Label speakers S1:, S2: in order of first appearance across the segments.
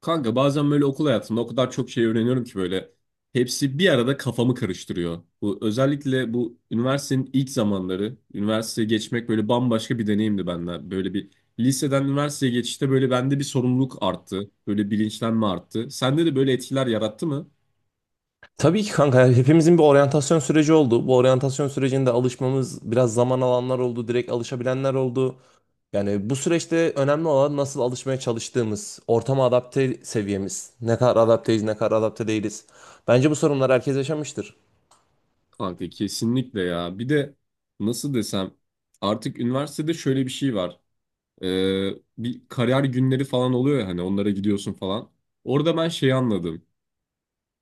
S1: Kanka bazen böyle okul hayatında o kadar çok şey öğreniyorum ki böyle hepsi bir arada kafamı karıştırıyor. Bu özellikle bu üniversitenin ilk zamanları, üniversiteye geçmek böyle bambaşka bir deneyimdi bende. Böyle bir liseden üniversiteye geçişte böyle bende bir sorumluluk arttı. Böyle bilinçlenme arttı. Sende de böyle etkiler yarattı mı?
S2: Tabii ki kanka hepimizin bir oryantasyon süreci oldu. Bu oryantasyon sürecinde alışmamız biraz zaman alanlar oldu, direkt alışabilenler oldu. Yani bu süreçte önemli olan nasıl alışmaya çalıştığımız, ortama adapte seviyemiz, ne kadar adapteyiz, ne kadar adapte değiliz. Bence bu sorunlar herkes yaşamıştır.
S1: Kanka kesinlikle ya. Bir de nasıl desem artık üniversitede şöyle bir şey var. Ee, Bir kariyer günleri falan oluyor ya hani onlara gidiyorsun falan. Orada ben şeyi anladım.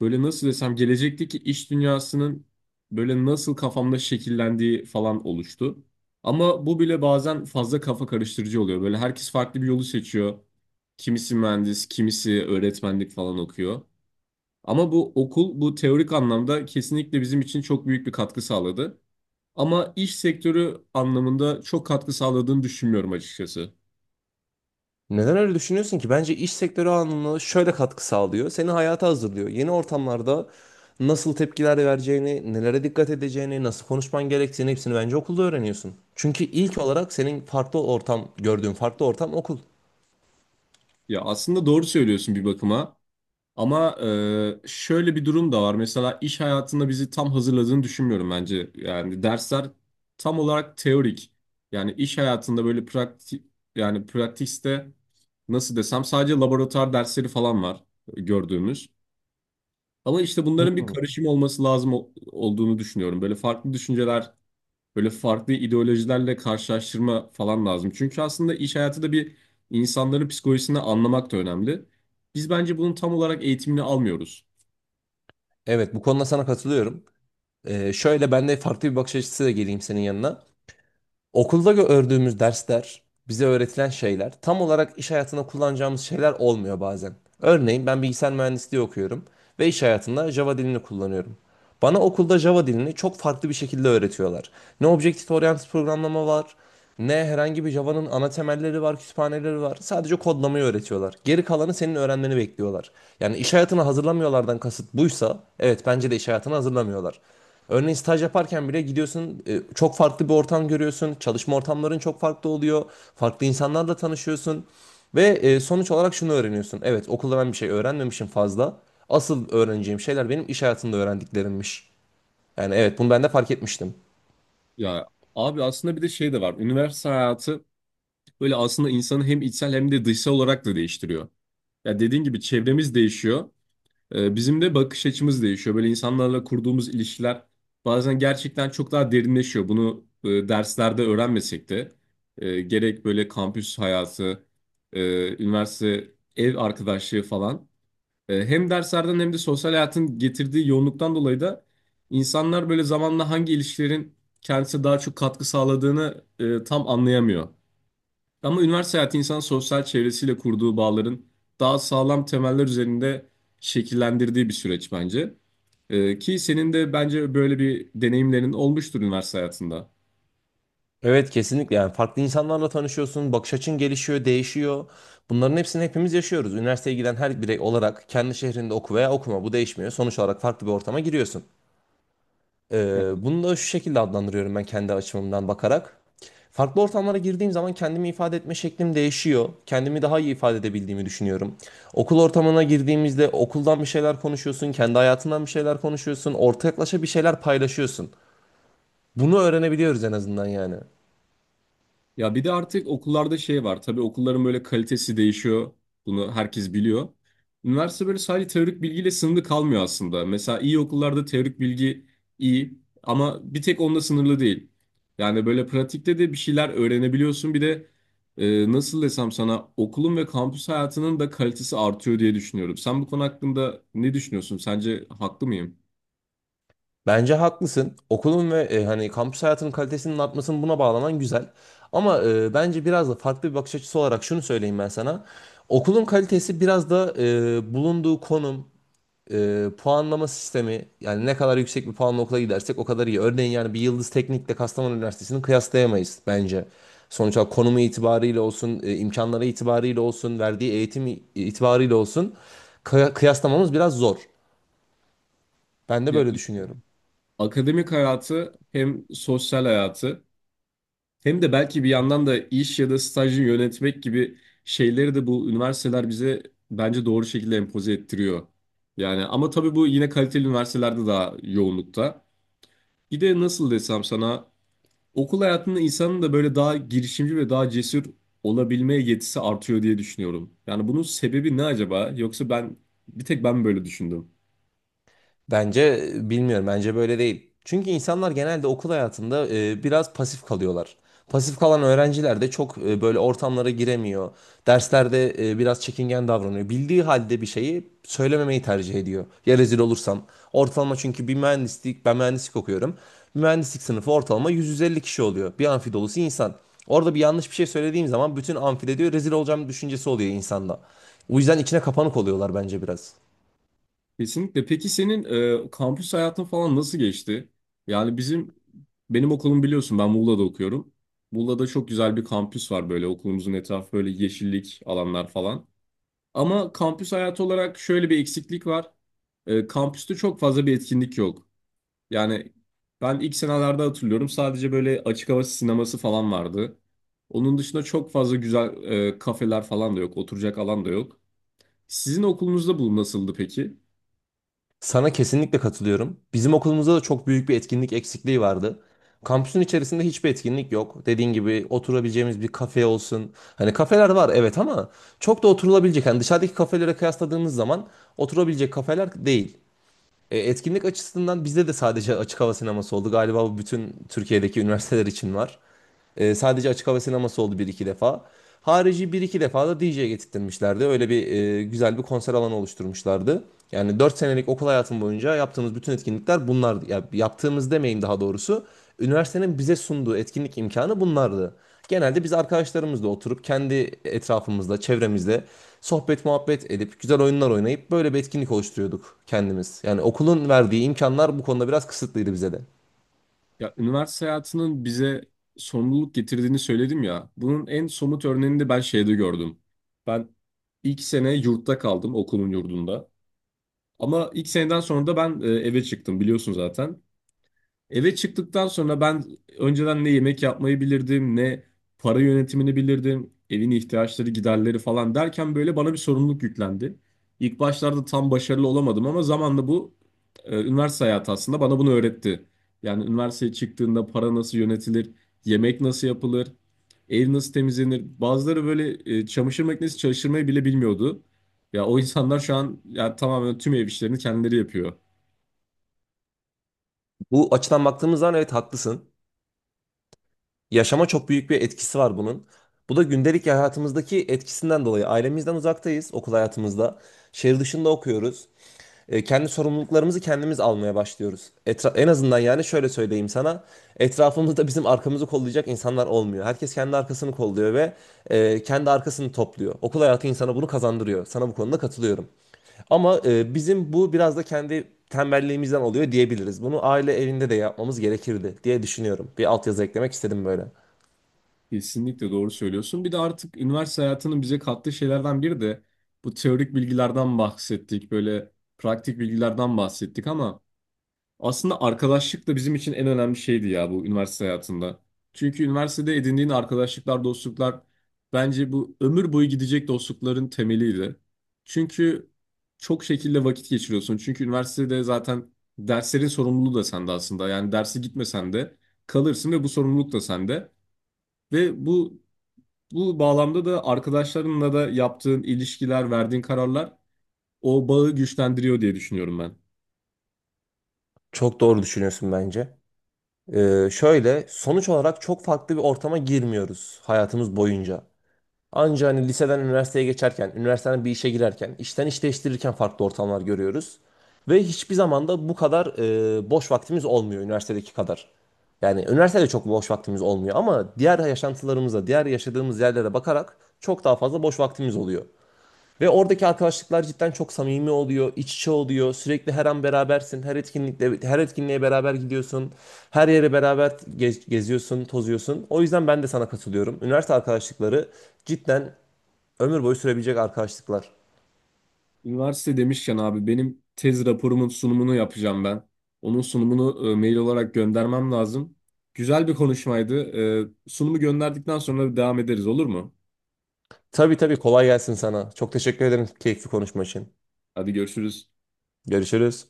S1: Böyle nasıl desem gelecekteki iş dünyasının böyle nasıl kafamda şekillendiği falan oluştu. Ama bu bile bazen fazla kafa karıştırıcı oluyor. Böyle herkes farklı bir yolu seçiyor. Kimisi mühendis, kimisi öğretmenlik falan okuyor. Ama bu okul bu teorik anlamda kesinlikle bizim için çok büyük bir katkı sağladı. Ama iş sektörü anlamında çok katkı sağladığını düşünmüyorum açıkçası.
S2: Neden öyle düşünüyorsun ki? Bence iş sektörü anlamında şöyle katkı sağlıyor. Seni hayata hazırlıyor. Yeni ortamlarda nasıl tepkiler vereceğini, nelere dikkat edeceğini, nasıl konuşman gerektiğini hepsini bence okulda öğreniyorsun. Çünkü ilk olarak senin farklı ortam, gördüğün farklı ortam okul.
S1: Ya aslında doğru söylüyorsun bir bakıma. Ama şöyle bir durum da var. Mesela iş hayatında bizi tam hazırladığını düşünmüyorum bence. Yani dersler tam olarak teorik. Yani iş hayatında böyle pratik yani pratikte nasıl desem sadece laboratuvar dersleri falan var gördüğümüz. Ama işte
S2: Hı.
S1: bunların bir karışım olması lazım olduğunu düşünüyorum. Böyle farklı düşünceler, böyle farklı ideolojilerle karşılaştırma falan lazım. Çünkü aslında iş hayatı da bir insanların psikolojisini anlamak da önemli. Biz bence bunun tam olarak eğitimini almıyoruz.
S2: Evet, bu konuda sana katılıyorum. Şöyle ben de farklı bir bakış açısı geleyim senin yanına. Okulda gördüğümüz dersler, bize öğretilen şeyler tam olarak iş hayatında kullanacağımız şeyler olmuyor bazen. Örneğin ben bilgisayar mühendisliği okuyorum ve iş hayatında Java dilini kullanıyorum. Bana okulda Java dilini çok farklı bir şekilde öğretiyorlar. Ne Objective Oriented programlama var, ne herhangi bir Java'nın ana temelleri var, kütüphaneleri var. Sadece kodlamayı öğretiyorlar. Geri kalanı senin öğrenmeni bekliyorlar. Yani iş hayatına hazırlamıyorlardan kasıt buysa, evet bence de iş hayatına hazırlamıyorlar. Örneğin staj yaparken bile gidiyorsun, çok farklı bir ortam görüyorsun. Çalışma ortamların çok farklı oluyor. Farklı insanlarla tanışıyorsun. Ve sonuç olarak şunu öğreniyorsun. Evet, okulda ben bir şey öğrenmemişim fazla. Asıl öğreneceğim şeyler benim iş hayatında öğrendiklerimmiş. Yani evet, bunu ben de fark etmiştim.
S1: Ya abi aslında bir de şey de var. Üniversite hayatı böyle aslında insanı hem içsel hem de dışsal olarak da değiştiriyor. Ya dediğin gibi çevremiz değişiyor. Bizim de bakış açımız değişiyor. Böyle insanlarla kurduğumuz ilişkiler bazen gerçekten çok daha derinleşiyor. Bunu derslerde öğrenmesek de gerek böyle kampüs hayatı, üniversite ev arkadaşlığı falan. Hem derslerden hem de sosyal hayatın getirdiği yoğunluktan dolayı da insanlar böyle zamanla hangi ilişkilerin kendisine daha çok katkı sağladığını tam anlayamıyor. Ama üniversite hayatı insanın sosyal çevresiyle kurduğu bağların daha sağlam temeller üzerinde şekillendirdiği bir süreç bence. Ki senin de bence böyle bir deneyimlerin olmuştur üniversite hayatında.
S2: Evet, kesinlikle. Yani farklı insanlarla tanışıyorsun, bakış açın gelişiyor, değişiyor. Bunların hepsini hepimiz yaşıyoruz. Üniversiteye giden her birey olarak kendi şehrinde oku veya okuma bu değişmiyor. Sonuç olarak farklı bir ortama giriyorsun. Bunu da şu şekilde adlandırıyorum ben kendi açımdan bakarak. Farklı ortamlara girdiğim zaman kendimi ifade etme şeklim değişiyor. Kendimi daha iyi ifade edebildiğimi düşünüyorum. Okul ortamına girdiğimizde okuldan bir şeyler konuşuyorsun, kendi hayatından bir şeyler konuşuyorsun, ortaklaşa bir şeyler paylaşıyorsun. Bunu öğrenebiliyoruz en azından yani.
S1: Ya bir de artık okullarda şey var. Tabii okulların böyle kalitesi değişiyor. Bunu herkes biliyor. Üniversite böyle sadece teorik bilgiyle sınırlı kalmıyor aslında. Mesela iyi okullarda teorik bilgi iyi ama bir tek onunla sınırlı değil. Yani böyle pratikte de bir şeyler öğrenebiliyorsun. Bir de nasıl desem sana okulun ve kampüs hayatının da kalitesi artıyor diye düşünüyorum. Sen bu konu hakkında ne düşünüyorsun? Sence haklı mıyım?
S2: Bence haklısın. Okulun ve hani kampüs hayatının kalitesinin artmasını buna bağlaman güzel. Ama bence biraz da farklı bir bakış açısı olarak şunu söyleyeyim ben sana. Okulun kalitesi biraz da bulunduğu konum, puanlama sistemi yani ne kadar yüksek bir puanla okula gidersek o kadar iyi. Örneğin yani bir Yıldız Teknik'le Kastamonu Üniversitesi'ni kıyaslayamayız bence. Sonuç olarak konumu itibariyle olsun, imkanları itibariyle olsun, verdiği eğitim itibariyle olsun kıyaslamamız biraz zor. Ben de
S1: Ya,
S2: böyle düşünüyorum.
S1: akademik hayatı hem sosyal hayatı hem de belki bir yandan da iş ya da stajı yönetmek gibi şeyleri de bu üniversiteler bize bence doğru şekilde empoze ettiriyor. Yani ama tabii bu yine kaliteli üniversitelerde daha yoğunlukta. Bir de nasıl desem sana okul hayatında insanın da böyle daha girişimci ve daha cesur olabilmeye yetisi artıyor diye düşünüyorum. Yani bunun sebebi ne acaba? Yoksa bir tek ben mi böyle düşündüm?
S2: Bence bilmiyorum. Bence böyle değil. Çünkü insanlar genelde okul hayatında biraz pasif kalıyorlar. Pasif kalan öğrenciler de çok böyle ortamlara giremiyor. Derslerde biraz çekingen davranıyor. Bildiği halde bir şeyi söylememeyi tercih ediyor. Ya rezil olursam. Ortalama çünkü bir mühendislik, ben mühendislik okuyorum. Bir mühendislik sınıfı ortalama 150 kişi oluyor. Bir amfi dolusu insan. Orada bir yanlış bir şey söylediğim zaman bütün amfide diyor rezil olacağım düşüncesi oluyor insanda. O yüzden içine kapanık oluyorlar bence biraz.
S1: Kesinlikle. Peki senin kampüs hayatın falan nasıl geçti? Yani benim okulum biliyorsun ben Muğla'da okuyorum. Muğla'da çok güzel bir kampüs var böyle okulumuzun etrafı böyle yeşillik alanlar falan. Ama kampüs hayatı olarak şöyle bir eksiklik var. Kampüste çok fazla bir etkinlik yok. Yani ben ilk senelerde hatırlıyorum sadece böyle açık hava sineması falan vardı. Onun dışında çok fazla güzel kafeler falan da yok, oturacak alan da yok. Sizin okulunuzda bu nasıldı peki?
S2: Sana kesinlikle katılıyorum. Bizim okulumuzda da çok büyük bir etkinlik eksikliği vardı. Kampüsün içerisinde hiçbir etkinlik yok. Dediğin gibi oturabileceğimiz bir kafe olsun. Hani kafeler var evet ama çok da oturulabilecek. Hani dışarıdaki kafelere kıyasladığımız zaman oturabilecek kafeler değil. Etkinlik açısından bizde de sadece açık hava sineması oldu. Galiba bu bütün Türkiye'deki üniversiteler için var. Sadece açık hava sineması oldu bir iki defa. Harici bir iki defa da DJ getirtmişlerdi. Öyle bir güzel bir konser alanı oluşturmuşlardı. Yani 4 senelik okul hayatım boyunca yaptığımız bütün etkinlikler bunlardı. Ya, yaptığımız demeyeyim daha doğrusu. Üniversitenin bize sunduğu etkinlik imkanı bunlardı. Genelde biz arkadaşlarımızla oturup kendi etrafımızda, çevremizde sohbet muhabbet edip güzel oyunlar oynayıp böyle bir etkinlik oluşturuyorduk kendimiz. Yani okulun verdiği imkanlar bu konuda biraz kısıtlıydı bize de.
S1: Ya üniversite hayatının bize sorumluluk getirdiğini söyledim ya. Bunun en somut örneğini de ben şeyde gördüm. Ben ilk sene yurtta kaldım okulun yurdunda. Ama ilk seneden sonra da ben eve çıktım biliyorsun zaten. Eve çıktıktan sonra ben önceden ne yemek yapmayı bilirdim, ne para yönetimini bilirdim, evin ihtiyaçları, giderleri falan derken böyle bana bir sorumluluk yüklendi. İlk başlarda tam başarılı olamadım ama zamanla bu üniversite hayatı aslında bana bunu öğretti. Yani üniversiteye çıktığında para nasıl yönetilir, yemek nasıl yapılır, ev nasıl temizlenir. Bazıları böyle çamaşır makinesi çalıştırmayı bile bilmiyordu. Ya o insanlar şu an ya tamamen tüm ev işlerini kendileri yapıyor.
S2: Bu açıdan baktığımız zaman evet haklısın. Yaşama çok büyük bir etkisi var bunun. Bu da gündelik hayatımızdaki etkisinden dolayı. Ailemizden uzaktayız okul hayatımızda. Şehir dışında okuyoruz. Kendi sorumluluklarımızı kendimiz almaya başlıyoruz. En azından yani şöyle söyleyeyim sana. Etrafımızda bizim arkamızı kollayacak insanlar olmuyor. Herkes kendi arkasını kolluyor ve kendi arkasını topluyor. Okul hayatı insana bunu kazandırıyor. Sana bu konuda katılıyorum. Ama bizim bu biraz da kendi tembelliğimizden oluyor diyebiliriz. Bunu aile evinde de yapmamız gerekirdi diye düşünüyorum. Bir altyazı eklemek istedim böyle.
S1: Kesinlikle doğru söylüyorsun. Bir de artık üniversite hayatının bize kattığı şeylerden biri de bu teorik bilgilerden bahsettik, böyle praktik bilgilerden bahsettik ama aslında arkadaşlık da bizim için en önemli şeydi ya bu üniversite hayatında. Çünkü üniversitede edindiğin arkadaşlıklar, dostluklar bence bu ömür boyu gidecek dostlukların temeliydi. Çünkü çok şekilde vakit geçiriyorsun. Çünkü üniversitede zaten derslerin sorumluluğu da sende aslında. Yani derse gitmesen de kalırsın ve bu sorumluluk da sende. Ve bu bağlamda da arkadaşlarınla da yaptığın ilişkiler, verdiğin kararlar o bağı güçlendiriyor diye düşünüyorum ben.
S2: Çok doğru düşünüyorsun bence. Şöyle sonuç olarak çok farklı bir ortama girmiyoruz hayatımız boyunca. Anca hani liseden üniversiteye geçerken, üniversiteden bir işe girerken, işten iş değiştirirken farklı ortamlar görüyoruz. Ve hiçbir zaman da bu kadar boş vaktimiz olmuyor üniversitedeki kadar. Yani üniversitede çok boş vaktimiz olmuyor ama diğer yaşantılarımıza, diğer yaşadığımız yerlere bakarak çok daha fazla boş vaktimiz oluyor. Ve oradaki arkadaşlıklar cidden çok samimi oluyor, iç içe oluyor. Sürekli her an berabersin, her etkinlikte, her etkinliğe beraber gidiyorsun. Her yere beraber geziyorsun, tozuyorsun. O yüzden ben de sana katılıyorum. Üniversite arkadaşlıkları cidden ömür boyu sürebilecek arkadaşlıklar.
S1: Üniversite demişken abi benim tez raporumun sunumunu yapacağım ben. Onun sunumunu mail olarak göndermem lazım. Güzel bir konuşmaydı. Sunumu gönderdikten sonra devam ederiz olur mu?
S2: Tabii tabii kolay gelsin sana. Çok teşekkür ederim keyifli konuşma için.
S1: Hadi görüşürüz.
S2: Görüşürüz.